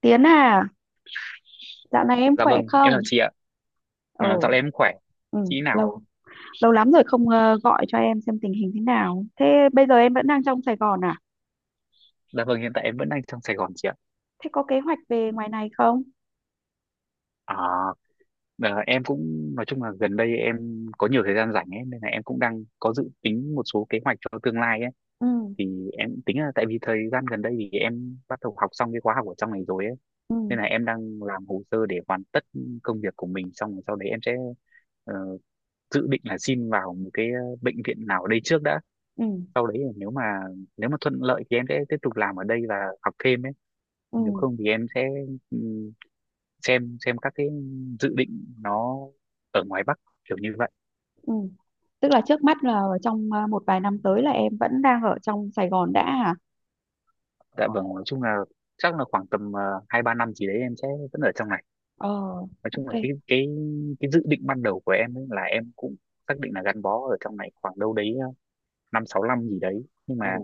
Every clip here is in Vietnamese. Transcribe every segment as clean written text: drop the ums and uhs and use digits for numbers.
Tiến à, dạo này em Dạ khỏe vâng, em không? chào chị ạ. À, Ừ, dạo này em khỏe. ừ, Chị nào? lâu lâu lắm rồi không gọi cho em xem tình hình thế nào. Thế bây giờ em vẫn đang trong Sài Gòn à? Dạ vâng, hiện tại em vẫn đang trong Sài Gòn chị ạ. Thế có kế hoạch về ngoài này không? À, ờ, em cũng nói chung là gần đây em có nhiều thời gian rảnh ấy, nên là em cũng đang có dự tính một số kế hoạch cho tương lai ấy. Ừ, Thì em tính là tại vì thời gian gần đây thì em bắt đầu học xong cái khóa học ở trong này rồi ấy. ừ, Nên là em đang làm hồ sơ để hoàn tất công việc của mình xong rồi sau đấy em sẽ ờ, dự định là xin vào một cái bệnh viện nào ở đây trước đã. ừ, Sau đấy là nếu mà thuận lợi thì em sẽ tiếp tục làm ở đây và học thêm ấy, nếu ừ, không thì em sẽ ừm, xem các cái dự định nó ở ngoài Bắc kiểu như vậy. ừ. Tức là trước mắt là trong một vài năm tới là em vẫn đang ở trong Sài Gòn đã à? Dạ vâng, nói chung là chắc là khoảng tầm 2-3 năm gì đấy em sẽ vẫn ở trong này. Ờ, Nói chung ok. là cái dự định ban đầu của em ấy là em cũng xác định là gắn bó ở trong này khoảng đâu đấy 5-6 năm gì đấy, nhưng Ừ. mà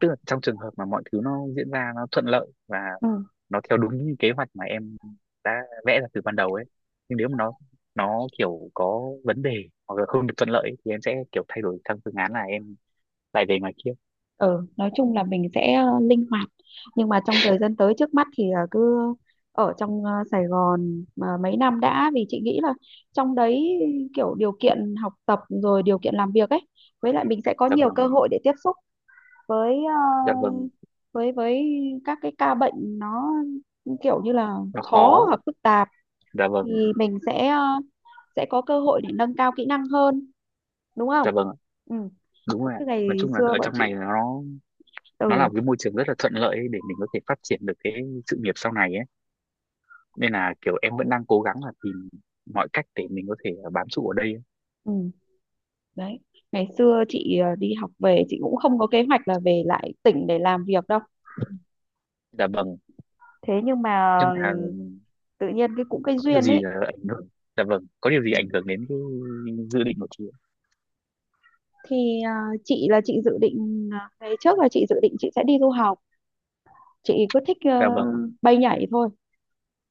tức là trong trường hợp mà mọi thứ nó diễn ra nó thuận lợi và Ừ. nó theo đúng như kế hoạch mà em đã vẽ ra từ ban đầu ấy, nhưng nếu mà nó kiểu có vấn đề hoặc là không được thuận lợi ấy, thì em sẽ kiểu thay đổi sang phương án là em lại về ngoài kia. Ừ, nói chung là mình sẽ linh hoạt, nhưng mà trong thời gian tới trước mắt thì là cứ ở trong Sài Gòn mà mấy năm đã, vì chị nghĩ là trong đấy kiểu điều kiện học tập rồi điều kiện làm việc ấy, với lại mình sẽ có Dạ nhiều cơ vâng. hội để tiếp xúc với Dạ vâng. với các cái ca bệnh nó kiểu như là Nó khó khó. hoặc phức tạp, Dạ thì vâng. mình sẽ sẽ có cơ hội để nâng cao kỹ năng hơn, đúng không. Dạ vâng ạ. Ừ, Đúng giống rồi ạ. như Nói ngày chung là xưa ở bọn trong chị. này nó là Ừ, một cái môi trường rất là thuận lợi ấy để mình có thể phát triển được cái sự nghiệp sau này ấy, nên là kiểu em vẫn đang cố gắng là tìm mọi cách để mình có thể bám trụ ở đây ấy. ừ đấy, ngày xưa chị đi học về chị cũng không có kế hoạch là về lại tỉnh để làm việc đâu. Dạ vâng, Thế nhưng mà nhưng ừ, mà tự nhiên cái cũng cái có điều duyên gì ấy. Ảnh hưởng. Dạ vâng, có điều gì Ừ. ảnh hưởng đến cái dự định của chị ạ? Thì chị là chị dự định ngày trước là chị dự định chị sẽ đi du học, chị cứ thích Dạ vâng. bay nhảy thôi.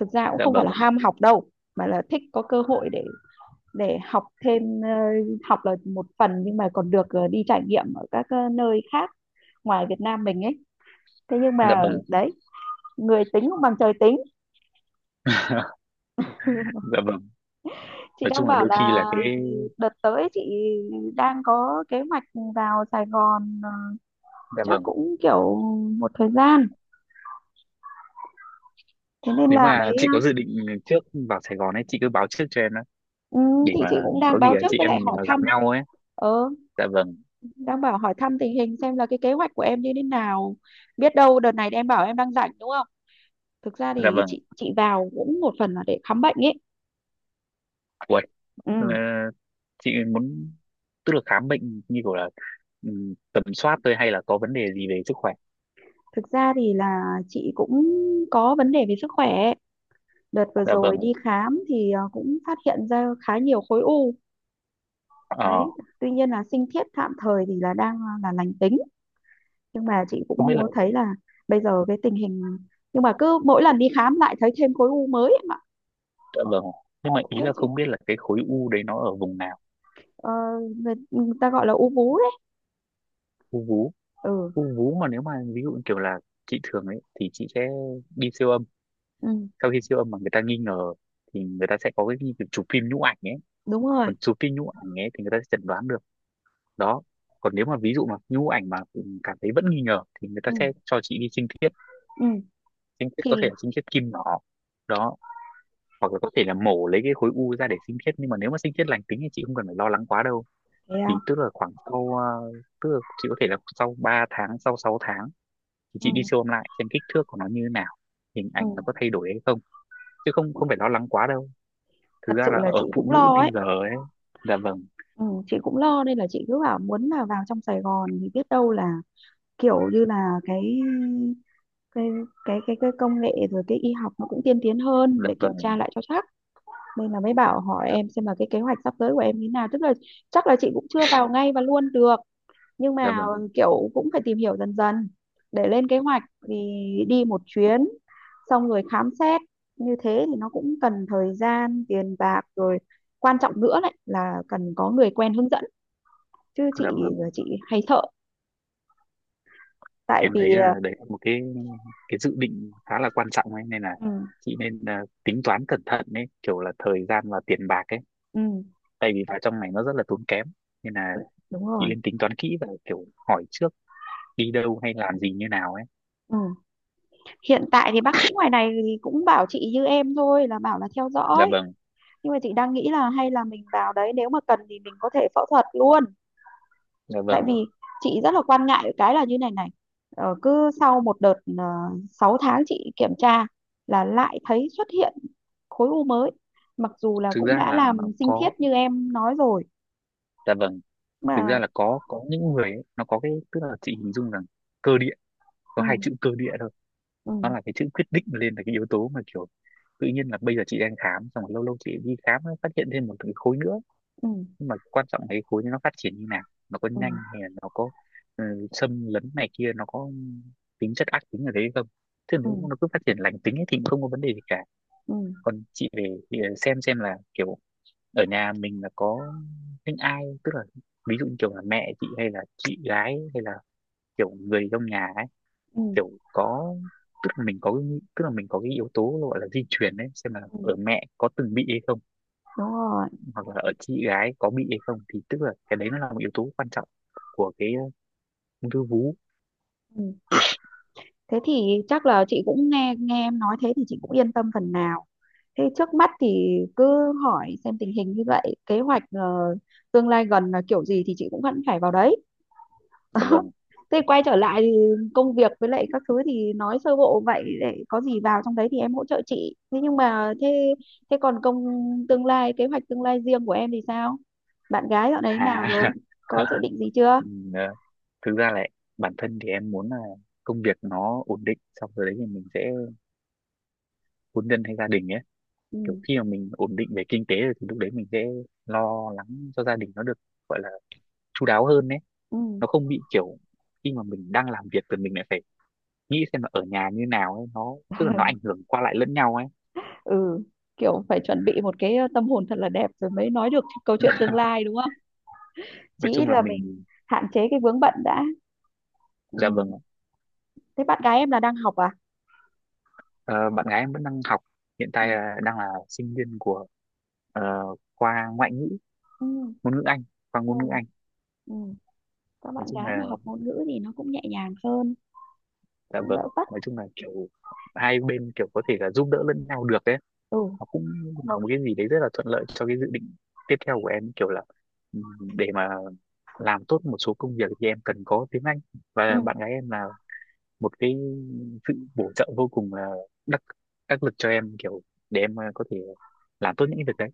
Thực ra cũng Dạ không phải là vâng. ham học đâu, mà là thích có cơ hội để học thêm học là một phần nhưng mà còn được đi trải nghiệm ở các nơi khác ngoài Việt Nam mình ấy. Thế nhưng Dạ mà vâng. đấy, người tính không bằng trời tính. Dạ vâng, Chị nói đang chung là bảo đôi khi là là cái. đợt tới chị đang có kế hoạch vào Sài Gòn, Dạ chắc vâng, cũng kiểu một thời gian. Thế nên nếu là ừ, mà mấy chị có dự định trước vào Sài Gòn ấy chị cứ báo trước cho em đó, ờ, ừ, để thì chị mà cũng đang có gì báo là trước chị với em lại mình hỏi gặp thăm. nhau ấy. Ờ, Dạ vâng. đang bảo hỏi thăm tình hình xem là cái kế hoạch của em như thế nào, biết đâu đợt này em bảo em đang rảnh đúng không. Thực ra Dạ thì vâng. chị vào cũng một phần là để khám bệnh ấy. Uầy, ờ, Ừ. chị muốn, tức là khám bệnh như kiểu là tầm soát thôi hay là có vấn đề gì về sức khỏe. Thực ra thì là chị cũng có vấn đề về sức khỏe, đợt vừa Dạ vâng. rồi đi khám thì cũng phát hiện ra khá nhiều khối u. ờ Đấy, tuy nhiên là sinh thiết tạm thời thì là đang là lành tính, nhưng mà chị không cũng biết là. muốn thấy là bây giờ cái tình hình nhưng mà cứ mỗi lần đi khám lại thấy thêm khối u mới em ạ. Dạ vâng, nhưng mà Khổ ý thế là chứ. không biết là cái khối u đấy nó ở vùng nào. Ờ, người, ừ, người ta gọi là u vú đấy. U vú. Ừ, U vú mà nếu mà ví dụ như kiểu là chị thường ấy thì chị sẽ đi siêu âm, ừ sau khi siêu âm mà người ta nghi ngờ thì người ta sẽ có cái như kiểu chụp phim nhũ ảnh ấy. đúng rồi. Còn chụp phim nhũ ảnh ấy thì người ta sẽ chẩn đoán được đó. Còn nếu mà ví dụ mà nhũ ảnh mà cảm thấy vẫn nghi ngờ thì người ta Ừ, sẽ cho chị đi sinh thiết. ừ. Sinh thiết Thì có thể là sinh thiết kim nhỏ đó, hoặc là có thể là mổ lấy cái khối u ra để sinh thiết, nhưng mà nếu mà sinh thiết lành tính thì chị không cần phải lo lắng quá đâu. thế à? Thì tức là khoảng sau tức là chị có thể là sau 3 tháng sau 6 tháng thì Ừ, chị đi siêu âm lại xem kích thước của nó như thế nào, hình ừ. ảnh nó có thay đổi hay không, chứ không không phải lo lắng quá đâu. Thực Thật ra sự là là chị ở phụ cũng nữ lo ấy. bây giờ ấy. Dạ vâng. Ừ, chị cũng lo nên là chị cứ bảo muốn là vào trong Sài Gòn, thì biết đâu là kiểu như là cái cái công nghệ rồi cái y học nó cũng tiên tiến hơn Dạ để kiểm tra vâng. lại cho chắc. Nên là mới bảo hỏi Dạ, em xem là cái kế hoạch sắp tới của em như thế nào, tức là chắc là chị cũng chưa vào ngay và luôn được, nhưng dạ mà vâng. kiểu cũng phải tìm hiểu dần dần để lên kế hoạch, vì đi một chuyến xong rồi khám xét như thế thì nó cũng cần thời gian tiền bạc rồi, quan trọng nữa lại là cần có người quen hướng dẫn. Chứ chị Dạ vâng. chị hay sợ, tại Em thấy vì là đấy là một cái dự định khá là quan trọng ấy, nên là ừ, chị nên tính toán cẩn thận ấy kiểu là thời gian và tiền bạc ấy, ừ, tại vì vào trong này nó rất là tốn kém, nên là đúng chị rồi. nên tính toán kỹ và kiểu hỏi trước đi đâu hay làm gì như nào ấy. Ừ. Hiện tại thì bác sĩ ngoài này thì cũng bảo chị như em thôi, là bảo là theo Dạ dõi, vâng. nhưng mà chị đang nghĩ là hay là mình vào đấy, nếu mà cần thì mình có thể phẫu thuật luôn. Dạ Tại vâng, vì chị rất là quan ngại cái là như này này, cứ sau một đợt 6 tháng chị kiểm tra là lại thấy xuất hiện khối u mới, mặc dù là thực cũng ra đã là nó làm sinh thiết có. như em nói rồi Dạ vâng, thực mà. ra là có những người ấy, nó có cái, tức là chị hình dung rằng cơ địa, có Ừ, hai chữ cơ địa thôi, ừ, nó là cái chữ quyết định lên là cái yếu tố mà kiểu tự nhiên là bây giờ chị đang khám xong rồi lâu lâu chị đi khám ấy, phát hiện thêm một cái khối nữa, ừ, nhưng mà quan trọng là cái khối này nó phát triển như nào, nó có ừ, nhanh hay là nó có xâm lấn này kia, nó có tính chất ác tính ở đấy không, chứ nếu nó ừ, cứ phát triển lành tính ấy thì cũng không có vấn đề gì cả. ừ, Còn chị về thì xem là kiểu ở nhà mình là có những ai, tức là ví dụ như kiểu là mẹ chị hay là chị gái hay là kiểu người trong nhà ấy, ừ, kiểu có, tức là mình có tức là mình có cái yếu tố gọi là di truyền đấy, xem là ừ. ở mẹ có từng bị hay không, Đúng rồi. hoặc là ở chị gái có bị hay không, thì tức là cái đấy nó là một yếu tố quan trọng của cái ung thư vú. Thế thì chắc là chị cũng nghe nghe em nói thế thì chị cũng yên tâm phần nào. Thế trước mắt thì cứ hỏi xem tình hình như vậy, kế hoạch tương lai gần là kiểu gì thì chị cũng vẫn phải vào đấy. Dạ vâng. Thế quay trở lại thì công việc với lại các thứ thì nói sơ bộ vậy, để có gì vào trong đấy thì em hỗ trợ chị. Thế nhưng mà thế thế còn công tương lai, kế hoạch tương lai riêng của em thì sao? Bạn gái dạo đấy nào rồi? À. Có dự định gì chưa? ừ, ờ, thực ra là bản thân thì em muốn là công việc nó ổn định xong rồi đấy thì mình sẽ hôn nhân hay gia đình ấy, kiểu Ừ. khi mà mình ổn định về kinh tế rồi thì lúc đấy mình sẽ lo lắng cho gia đình nó được, gọi là chu đáo hơn ấy, Ừ. nó không bị kiểu khi mà mình đang làm việc thì mình lại phải nghĩ xem là ở nhà như nào ấy, nó tức là nó ảnh hưởng qua lại lẫn nhau ấy. Ừ. Kiểu phải chuẩn bị một cái tâm hồn thật là đẹp rồi mới nói được câu chuyện tương lai đúng không? Chí Nói chung ít là là mình mình. hạn chế cái vướng bận đã. Dạ vâng Ừ. ạ. Thế bạn gái em là đang học à. Ờ, bạn gái em vẫn đang học, hiện Ừ. tại là đang là sinh viên của ờ, khoa ngoại ngữ, Ừ. ngôn ngữ Anh, khoa Ừ. ngôn ngữ Anh. Ừ. Các Nói bạn chung gái là. mà học ngôn ngữ thì nó cũng nhẹ nhàng hơn, Dạ cũng đỡ vâng, vất. nói chung là kiểu hai bên kiểu có thể là giúp đỡ lẫn nhau được ấy, Ừ. nó cũng là một cái gì đấy rất là thuận lợi cho cái dự định tiếp theo của em, kiểu là để mà làm tốt một số công việc thì em cần có tiếng Anh, và Ừ. bạn gái em là một cái sự bổ trợ vô cùng là đắc đắc lực cho em, kiểu để em có thể làm tốt những cái việc đấy.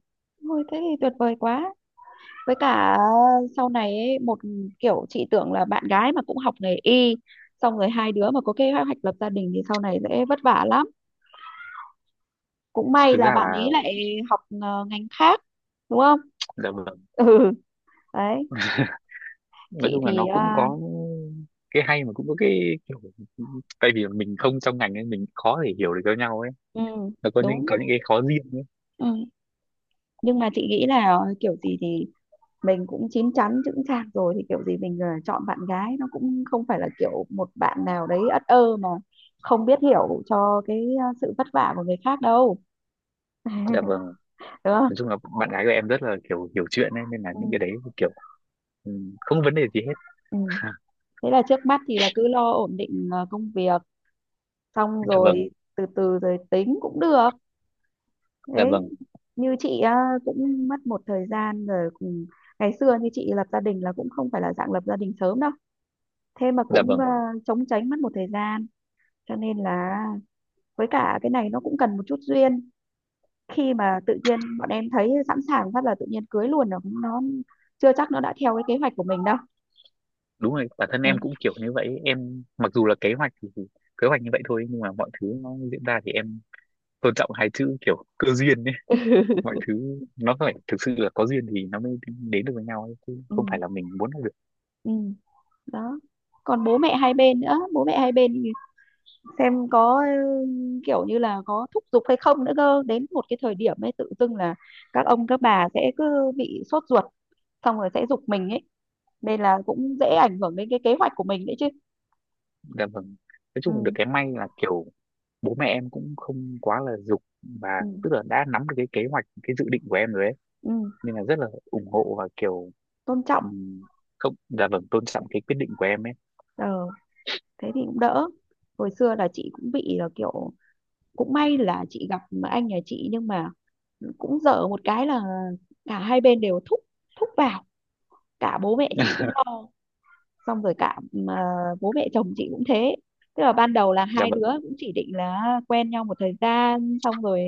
Thôi thế thì tuyệt vời quá. Với cả sau này ấy, một kiểu chị tưởng là bạn gái mà cũng học nghề y, xong rồi hai đứa mà có kế hoạch lập gia đình thì sau này sẽ vất vả lắm. Cũng may Thực là ra bạn là. ấy lại học ngành khác, đúng không. Dạ vâng, Ừ, đấy. nói Chị chung là thì nó cũng à, có cái hay mà cũng có cái kiểu tại vì mình không trong ngành nên mình khó để hiểu được cho nhau ấy, ừ nó có những đúng. có những cái khó riêng. Ừ. Nhưng mà chị nghĩ là kiểu gì thì mình cũng chín chắn chững chạc rồi, thì kiểu gì mình chọn bạn gái nó cũng không phải là kiểu một bạn nào đấy ất ơ mà không biết hiểu cho cái sự vất vả của người khác đâu. Dạ vâng, Đúng không. nói chung là bạn gái của em rất là kiểu hiểu chuyện ấy, nên là Ừ. những cái đấy kiểu ừ, không có vấn đề gì hết. Ừ. Thế là trước mắt thì là cứ lo ổn định công việc, xong Dạ vâng. rồi từ từ rồi tính cũng được. Dạ Đấy, vâng. như chị á, cũng mất một thời gian rồi cùng. Ngày xưa như chị lập gia đình là cũng không phải là dạng lập gia đình sớm đâu, thế mà Dạ cũng vâng, chống chánh mất một thời gian. Cho nên là với cả cái này nó cũng cần một chút duyên, khi mà tự nhiên bọn em thấy sẵn sàng phát là tự nhiên cưới luôn rồi nó chưa chắc nó đã theo cái kế hoạch của mình đâu. đúng rồi, bản thân Ừ. em cũng kiểu như vậy ấy. Em mặc dù là kế hoạch thì kế hoạch như vậy thôi, nhưng mà mọi thứ nó diễn ra thì em tôn trọng hai chữ kiểu cơ duyên ấy, mọi thứ nó phải thực sự là có duyên thì nó mới đến được với nhau ấy, chứ Ừ. không phải là mình muốn là được. Ừ. Đó, còn bố mẹ hai bên nữa, bố mẹ hai bên thì xem có ừ, kiểu như là có thúc giục hay không nữa cơ, đến một cái thời điểm ấy tự dưng là các ông các bà sẽ cứ bị sốt ruột, xong rồi sẽ giục mình ấy, nên là cũng dễ ảnh hưởng đến cái kế hoạch của mình đấy chứ. Dạ vâng, nói Ừ. chung là được cái may là kiểu bố mẹ em cũng không quá là giục, và Ừ. tức là đã nắm được cái kế hoạch, cái dự định của em rồi ấy, Ừ. nên là rất là ủng hộ và kiểu Tôn trọng. Ừm, không, dạ vâng, tôn trọng cái quyết định của em ấy. Ờ, thế thì cũng đỡ. Hồi xưa là chị cũng bị là kiểu, cũng may là chị gặp anh nhà chị, nhưng mà cũng dở một cái là cả hai bên đều thúc, thúc vào. Cả bố mẹ chị cũng lo, xong rồi cả ờ, bố mẹ chồng chị cũng thế. Tức là ban đầu là Dạ hai đứa vâng. cũng chỉ định là quen nhau một thời gian, xong rồi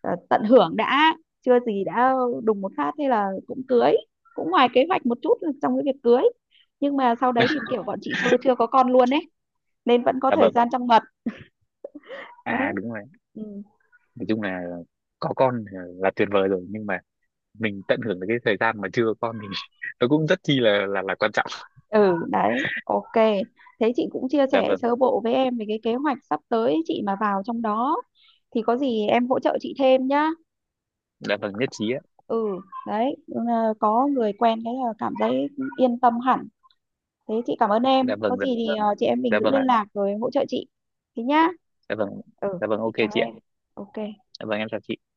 tận hưởng đã, chưa gì đã đùng một phát thế là cũng cưới, cũng ngoài kế hoạch một chút trong cái việc cưới. Nhưng mà sau đấy thì kiểu bọn chị chưa chưa có con luôn ấy, nên vẫn có Dạ thời vâng. gian trong bầu. À Đấy. đúng rồi, Ừ. nói chung là có con là tuyệt vời rồi, nhưng mà mình tận hưởng được cái thời gian mà chưa có con thì nó cũng rất chi là quan trọng. Ừ đấy, ok, thế chị cũng chia Dạ sẻ vâng. sơ bộ với em về cái kế hoạch sắp tới, chị mà vào trong đó thì có gì em hỗ trợ chị thêm nhá. Dạ vâng nhất trí ạ. Ừ, đấy, ừ, ờ, có người quen cái là cảm thấy yên tâm hẳn. Thế chị cảm ơn Dạ em, vâng. có Dạ gì thì vâng. Chị em mình Dạ giữ vâng liên ạ. lạc rồi em hỗ trợ chị. Thế nhá. Dạ vâng. Ừ, Dạ vâng chị ok chào chị ạ. em. Ok. Dạ vâng, em chào chị.